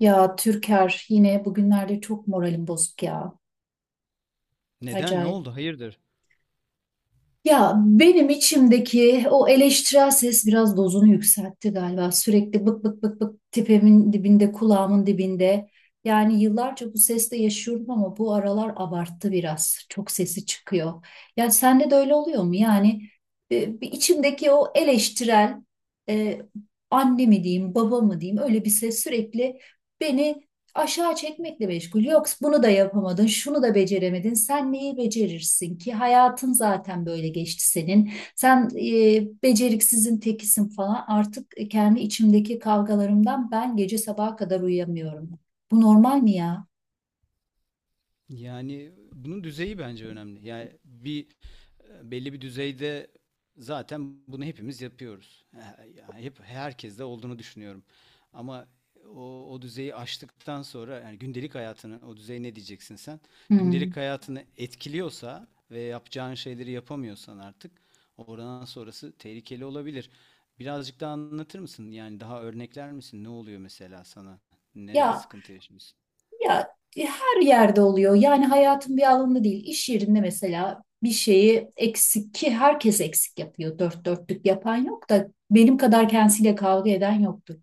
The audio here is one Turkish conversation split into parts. Ya Türker yine bugünlerde çok moralim bozuk ya. Neden? Ne Acayip. oldu? Hayırdır? Ya benim içimdeki o eleştirel ses biraz dozunu yükseltti galiba. Sürekli bık bık bık bık tepemin dibinde, kulağımın dibinde. Yani yıllarca bu sesle yaşıyorum ama bu aralar abarttı biraz. Çok sesi çıkıyor. Ya sende de öyle oluyor mu? Bir içimdeki o eleştirel e, anne mi diyeyim, baba mı diyeyim, öyle bir ses sürekli beni aşağı çekmekle meşgul. Yok bunu da yapamadın, şunu da beceremedin. Sen neyi becerirsin ki? Hayatın zaten böyle geçti senin. Sen Beceriksizin tekisin falan. Artık kendi içimdeki kavgalarımdan ben gece sabaha kadar uyuyamıyorum. Bu normal mi ya? Yani bunun düzeyi bence önemli. Belli bir düzeyde zaten bunu hepimiz yapıyoruz. Yani hep herkeste olduğunu düşünüyorum. Ama o düzeyi aştıktan sonra yani gündelik hayatını o düzey ne diyeceksin sen? Hmm. Gündelik hayatını etkiliyorsa ve yapacağın şeyleri yapamıyorsan artık oradan sonrası tehlikeli olabilir. Birazcık daha anlatır mısın? Yani daha örnekler misin? Ne oluyor mesela sana? Nerede Ya sıkıntı yaşıyorsun? Ya Her yerde oluyor. Yani hayatın bir alanında değil. İş yerinde mesela bir şeyi eksik ki herkes eksik yapıyor. Dört dörtlük yapan yok da benim kadar kendisiyle kavga eden yoktur.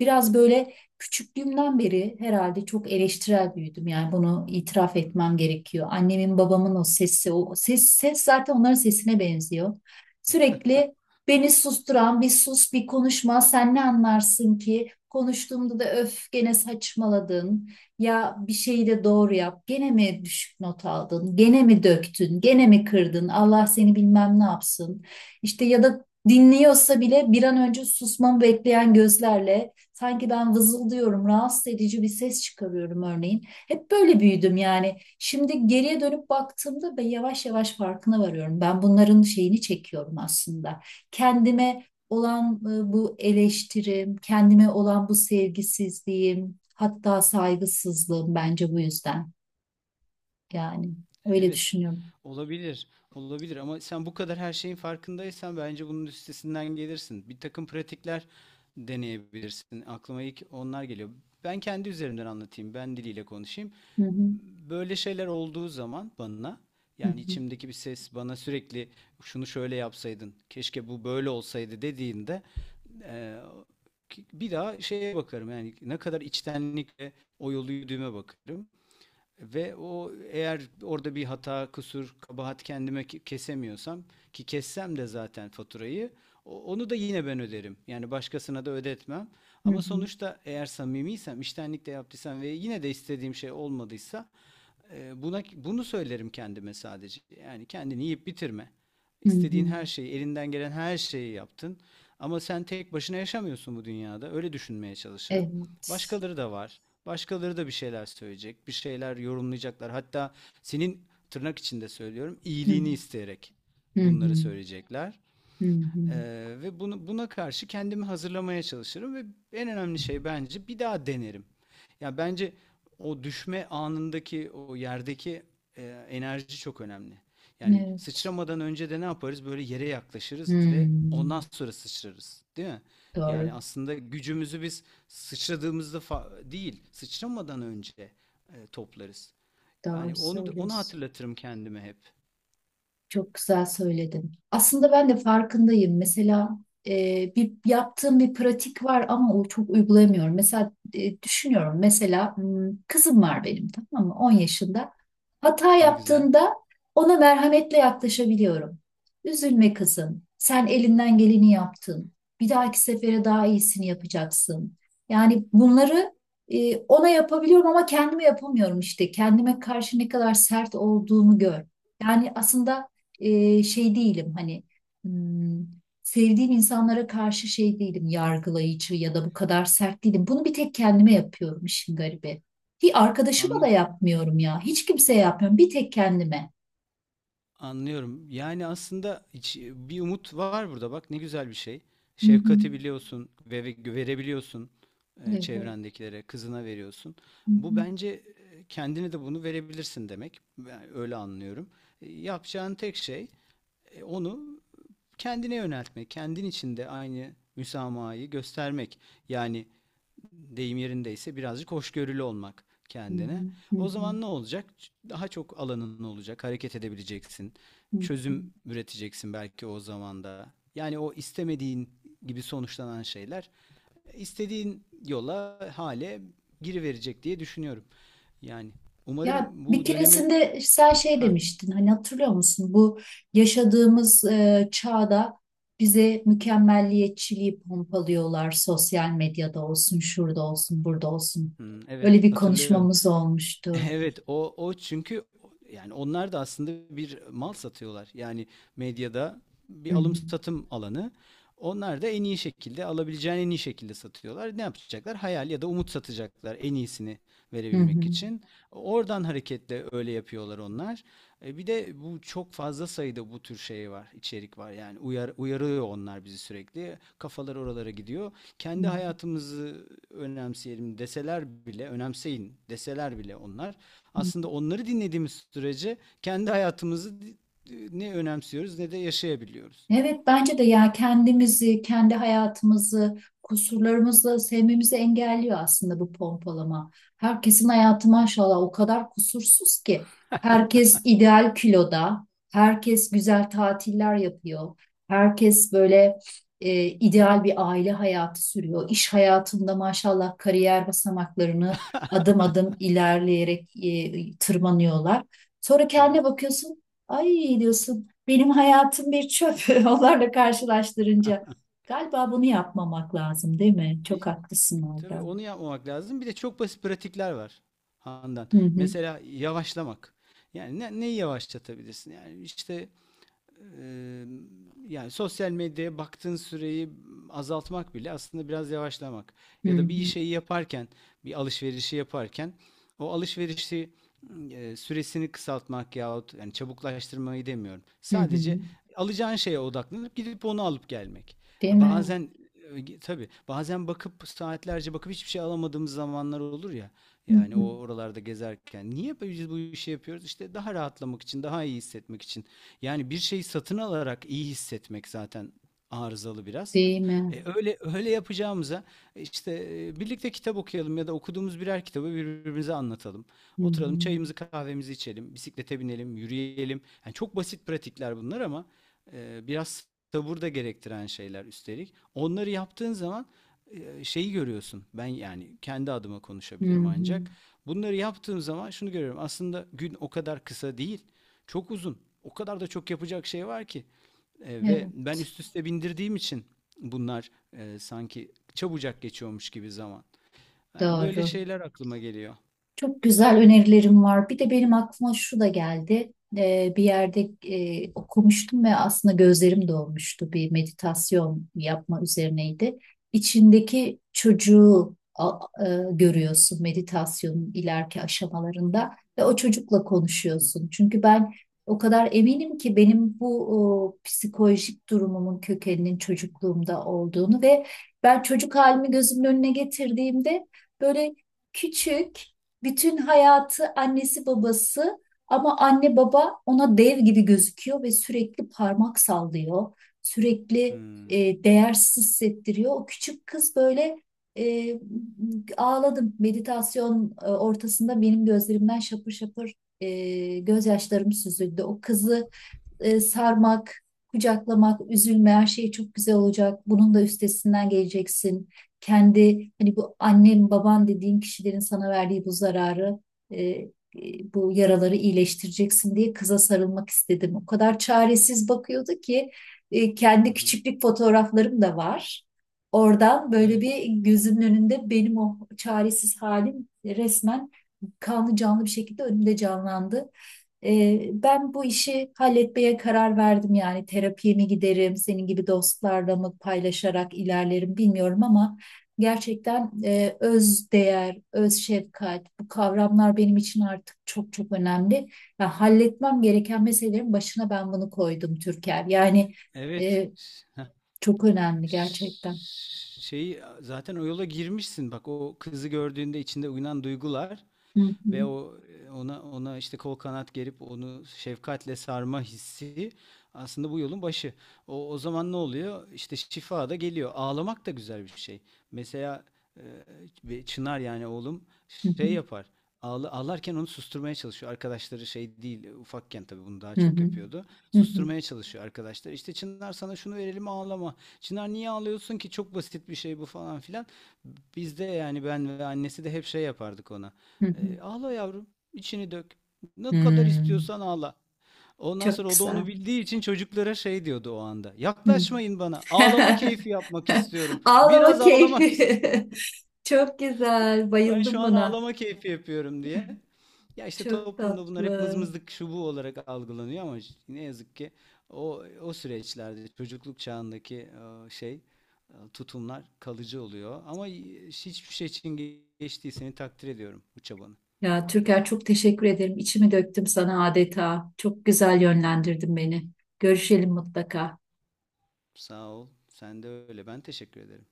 Biraz böyle küçüklüğümden beri herhalde çok eleştirel büyüdüm. Yani bunu itiraf Hmm. etmem gerekiyor. Annemin babamın o sesi, o ses, ses zaten onların sesine benziyor. Sürekli beni susturan bir sus, bir konuşma, sen ne anlarsın ki? Konuştuğumda da öf, gene saçmaladın, ya bir şeyi de doğru yap. Gene mi düşük not aldın? Gene mi döktün? Gene mi kırdın? Allah seni bilmem ne yapsın. İşte ya da dinliyorsa bile bir an önce susmamı bekleyen gözlerle, sanki ben vızıldıyorum, rahatsız edici bir ses çıkarıyorum örneğin. Hep böyle büyüdüm yani. Şimdi geriye dönüp baktığımda ben yavaş yavaş farkına varıyorum. Ben bunların şeyini çekiyorum aslında. Kendime olan bu eleştirim, kendime olan bu sevgisizliğim, hatta saygısızlığım bence bu yüzden. Yani öyle Evet, düşünüyorum. olabilir, olabilir ama sen bu kadar her şeyin farkındaysan bence bunun üstesinden gelirsin. Bir takım pratikler deneyebilirsin. Aklıma ilk onlar geliyor. Ben kendi üzerimden anlatayım, ben diliyle konuşayım. Hı hı, Böyle şeyler olduğu zaman bana, hı yani hı, içimdeki bir ses bana sürekli şunu şöyle yapsaydın, keşke bu böyle olsaydı dediğinde eee, bir daha şeye bakarım yani ne kadar içtenlikle o yolu yürüdüğüme bakarım. Ve o eğer orada bir hata, kusur, kabahat kendime kesemiyorsam ki kessem de zaten faturayı onu da yine ben öderim. Yani başkasına da ödetmem. hı Ama hı, sonuçta eğer samimiysem, iştenlikle yaptıysam ve yine de istediğim şey olmadıysa buna bunu söylerim kendime sadece. Yani kendini yiyip bitirme. hı hı. İstediğin her şeyi, elinden gelen her şeyi yaptın. Ama sen tek başına yaşamıyorsun bu dünyada. Öyle düşünmeye çalışırım. Evet. Başkaları da var. Başkaları da bir şeyler söyleyecek, bir şeyler yorumlayacaklar. Hatta senin tırnak içinde söylüyorum, Hı iyiliğini hı, isteyerek hı bunları hı, söyleyecekler. hı hı. Ve bunu, buna karşı kendimi hazırlamaya çalışırım ve en önemli şey bence bir daha denerim. Ya bence o düşme anındaki o yerdeki enerji çok önemli. Yani Evet. sıçramadan önce de ne yaparız? Böyle yere yaklaşırız ve ondan Hmm. sonra sıçrarız, değil mi? Doğru. Yani aslında gücümüzü biz sıçradığımızda değil, sıçramadan önce toplarız. Doğru Yani onu söylüyorsun. hatırlatırım kendime hep. Çok güzel söyledin. Aslında ben de farkındayım. Mesela bir yaptığım bir pratik var ama o çok uygulayamıyorum. Mesela düşünüyorum. Mesela hmm, kızım var benim, tamam mı? 10 yaşında. Hata Ne güzel. yaptığında ona merhametle yaklaşabiliyorum. Üzülme kızım. Sen elinden geleni yaptın. Bir dahaki sefere daha iyisini yapacaksın. Yani bunları ona yapabiliyorum ama kendime yapamıyorum işte. Kendime karşı ne kadar sert olduğumu gör. Yani aslında şey değilim hani, hmm, sevdiğim insanlara karşı şey değilim, yargılayıcı ya da bu kadar sert değilim. Bunu bir tek kendime yapıyorum, işin garibi. Hiç arkadaşıma da Anlı yapmıyorum ya. Hiç kimseye yapmıyorum. Bir tek kendime. Anlıyorum. Yani aslında bir umut var burada bak ne güzel bir şey. Hı hı. Şefkati biliyorsun ve verebiliyorsun Evet. çevrendekilere, kızına veriyorsun. Hı Bu hı. bence kendine de bunu verebilirsin demek. Ben öyle anlıyorum. Yapacağın tek şey onu kendine yöneltmek, kendin içinde aynı müsamahayı göstermek. Yani deyim yerindeyse birazcık hoşgörülü olmak Hı kendine. hı. Hı O hı. zaman ne olacak? Daha çok alanın olacak, hareket edebileceksin. Hı hı. Çözüm üreteceksin belki o zaman da. Yani o istemediğin gibi sonuçlanan şeyler istediğin yola, hale giriverecek diye düşünüyorum. Yani Ya umarım bir bu dönemi... keresinde sen şey Ha, demiştin, hani hatırlıyor musun, bu yaşadığımız çağda bize mükemmelliyetçiliği pompalıyorlar, sosyal medyada olsun, şurada olsun, burada olsun. hmm, evet Öyle bir hatırlıyorum. konuşmamız olmuştu. Evet o çünkü yani onlar da aslında bir mal satıyorlar. Yani medyada Hı bir alım hı, satım alanı. Onlar da en iyi şekilde alabileceğin en iyi şekilde satıyorlar. Ne yapacaklar? Hayal ya da umut satacaklar en iyisini hı verebilmek hı, için. Oradan hareketle öyle yapıyorlar onlar. E bir de bu çok fazla sayıda bu tür şey var, içerik var. Yani uyarıyor onlar bizi sürekli. Kafalar oralara gidiyor. hı Kendi hayatımızı önemseyelim deseler bile, önemseyin deseler bile onlar. hı. Aslında onları dinlediğimiz sürece kendi hayatımızı ne önemsiyoruz ne de yaşayabiliyoruz. Evet bence de ya kendimizi, kendi hayatımızı, kusurlarımızla sevmemizi engelliyor aslında bu pompalama. Herkesin hayatı maşallah o kadar kusursuz ki. Herkes ideal kiloda, herkes güzel tatiller yapıyor. Herkes böyle ideal bir aile hayatı sürüyor. İş hayatında maşallah kariyer basamaklarını adım adım ilerleyerek tırmanıyorlar. Sonra kendine Evet. bakıyorsun, ay diyorsun. Benim hayatım bir çöp onlarla karşılaştırınca. Galiba bunu yapmamak lazım, değil mi? E, Çok haklısın tabii orada. onu yapmamak lazım. Bir de çok basit pratikler var Handan. Hı hı, Mesela yavaşlamak. Yani neyi yavaşlatabilirsin? Eee, Yani sosyal medyaya baktığın süreyi azaltmak bile aslında biraz yavaşlamak. hı Ya da bir hı, şeyi yaparken, bir alışverişi yaparken o alışverişi süresini kısaltmak yahut yani çabuklaştırmayı demiyorum. hı hı. Sadece alacağın şeye odaklanıp gidip onu alıp gelmek. Değil mi? Bazen tabii bazen saatlerce bakıp hiçbir şey alamadığımız zamanlar olur ya. Hı Yani o hı, oralarda gezerken niye biz bu işi yapıyoruz? İşte daha rahatlamak için, daha iyi hissetmek için. Yani bir şeyi satın alarak iyi hissetmek zaten arızalı biraz. değil mi? Öyle yapacağımıza birlikte kitap okuyalım ya da okuduğumuz birer kitabı birbirimize anlatalım. Hı hı, Oturalım, çayımızı, kahvemizi içelim, bisiklete binelim, yürüyelim. Yani çok basit pratikler bunlar ama biraz sabır da gerektiren şeyler üstelik. Onları yaptığın zaman şeyi görüyorsun. Ben yani kendi adıma hı konuşabilirim ancak. hı. Bunları yaptığım zaman şunu görüyorum. Aslında gün o kadar kısa değil. Çok uzun. O kadar da çok yapacak şey var ki. Ve Evet, ben üst üste bindirdiğim için bunlar sanki çabucak geçiyormuş gibi zaman. Yani böyle doğru. şeyler aklıma geliyor. Çok güzel önerilerim var. Bir de benim aklıma şu da geldi. Bir yerde okumuştum ve aslında gözlerim dolmuştu. Bir meditasyon yapma üzerineydi. İçindeki çocuğu görüyorsun meditasyonun ileriki aşamalarında ve o çocukla konuşuyorsun. Çünkü ben o kadar eminim ki benim bu o, psikolojik durumumun kökeninin çocukluğumda olduğunu ve ben çocuk halimi gözümün önüne getirdiğimde böyle küçük, bütün hayatı annesi babası, ama anne baba ona dev gibi gözüküyor ve sürekli parmak sallıyor. Sürekli Hmm. e, değersiz hissettiriyor. O küçük kız böyle e, ağladım. Meditasyon ortasında benim gözlerimden şapır şapır gözyaşlarım süzüldü. O kızı sarmak, kucaklamak, üzülme, her şey çok güzel olacak. Bunun da üstesinden geleceksin. Kendi, hani bu annen, baban dediğin kişilerin sana verdiği bu zararı, e, e, bu yaraları iyileştireceksin diye kıza sarılmak istedim. O kadar çaresiz bakıyordu ki, Hı kendi hı. küçüklük fotoğraflarım da var. Oradan böyle Evet. bir gözümün önünde benim o çaresiz halim resmen kanlı canlı bir şekilde önümde canlandı. Ben bu işi halletmeye karar verdim, yani terapiye mi giderim, senin gibi dostlarla mı paylaşarak ilerlerim bilmiyorum ama gerçekten öz değer, öz şefkat, bu kavramlar benim için artık çok çok önemli. Ya halletmem gereken meselelerin başına ben bunu koydum Türker. Yani Evet. e, çok önemli Ş- gerçekten. Şeyi zaten o yola girmişsin. Bak o kızı gördüğünde içinde uyanan duygular Hı hı, ve o ona işte kol kanat gerip onu şefkatle sarma hissi aslında bu yolun başı. O zaman ne oluyor? İşte şifa da geliyor. Ağlamak da güzel bir şey. Mesela e, Çınar yani oğlum hı hı, şey yapar. Ağla, ağlarken onu susturmaya çalışıyor. Arkadaşları şey değil, ufakken tabii bunu daha hı çok hı, yapıyordu. hı hı, Susturmaya çalışıyor arkadaşlar. İşte Çınar sana şunu verelim ağlama. Çınar niye ağlıyorsun ki? Çok basit bir şey bu falan filan. Biz de yani ben ve annesi de hep şey yapardık ona. hı hı. Ağla yavrum, içini dök. Ne kadar Hmm, istiyorsan ağla. Ondan çok sonra o da güzel. onu bildiği için çocuklara şey diyordu o anda. Hı. Yaklaşmayın bana. Ağlama keyfi yapmak istiyorum. Ağlama Biraz ağlamak istiyorum. keyfi. Çok güzel. Ben şu Bayıldım an buna. ağlama keyfi yapıyorum diye. Ya işte Çok toplumda bunlar hep tatlı. mızmızlık şu bu olarak algılanıyor ama ne yazık ki o süreçlerde çocukluk çağındaki e, şey tutumlar kalıcı oluyor. Ama hiçbir şey için geçtiği seni takdir ediyorum bu çabanı. Ya Türker, çok teşekkür ederim. İçimi döktüm sana adeta. Çok güzel yönlendirdin beni. Görüşelim mutlaka. Sağ ol. Sen de öyle. Ben teşekkür ederim.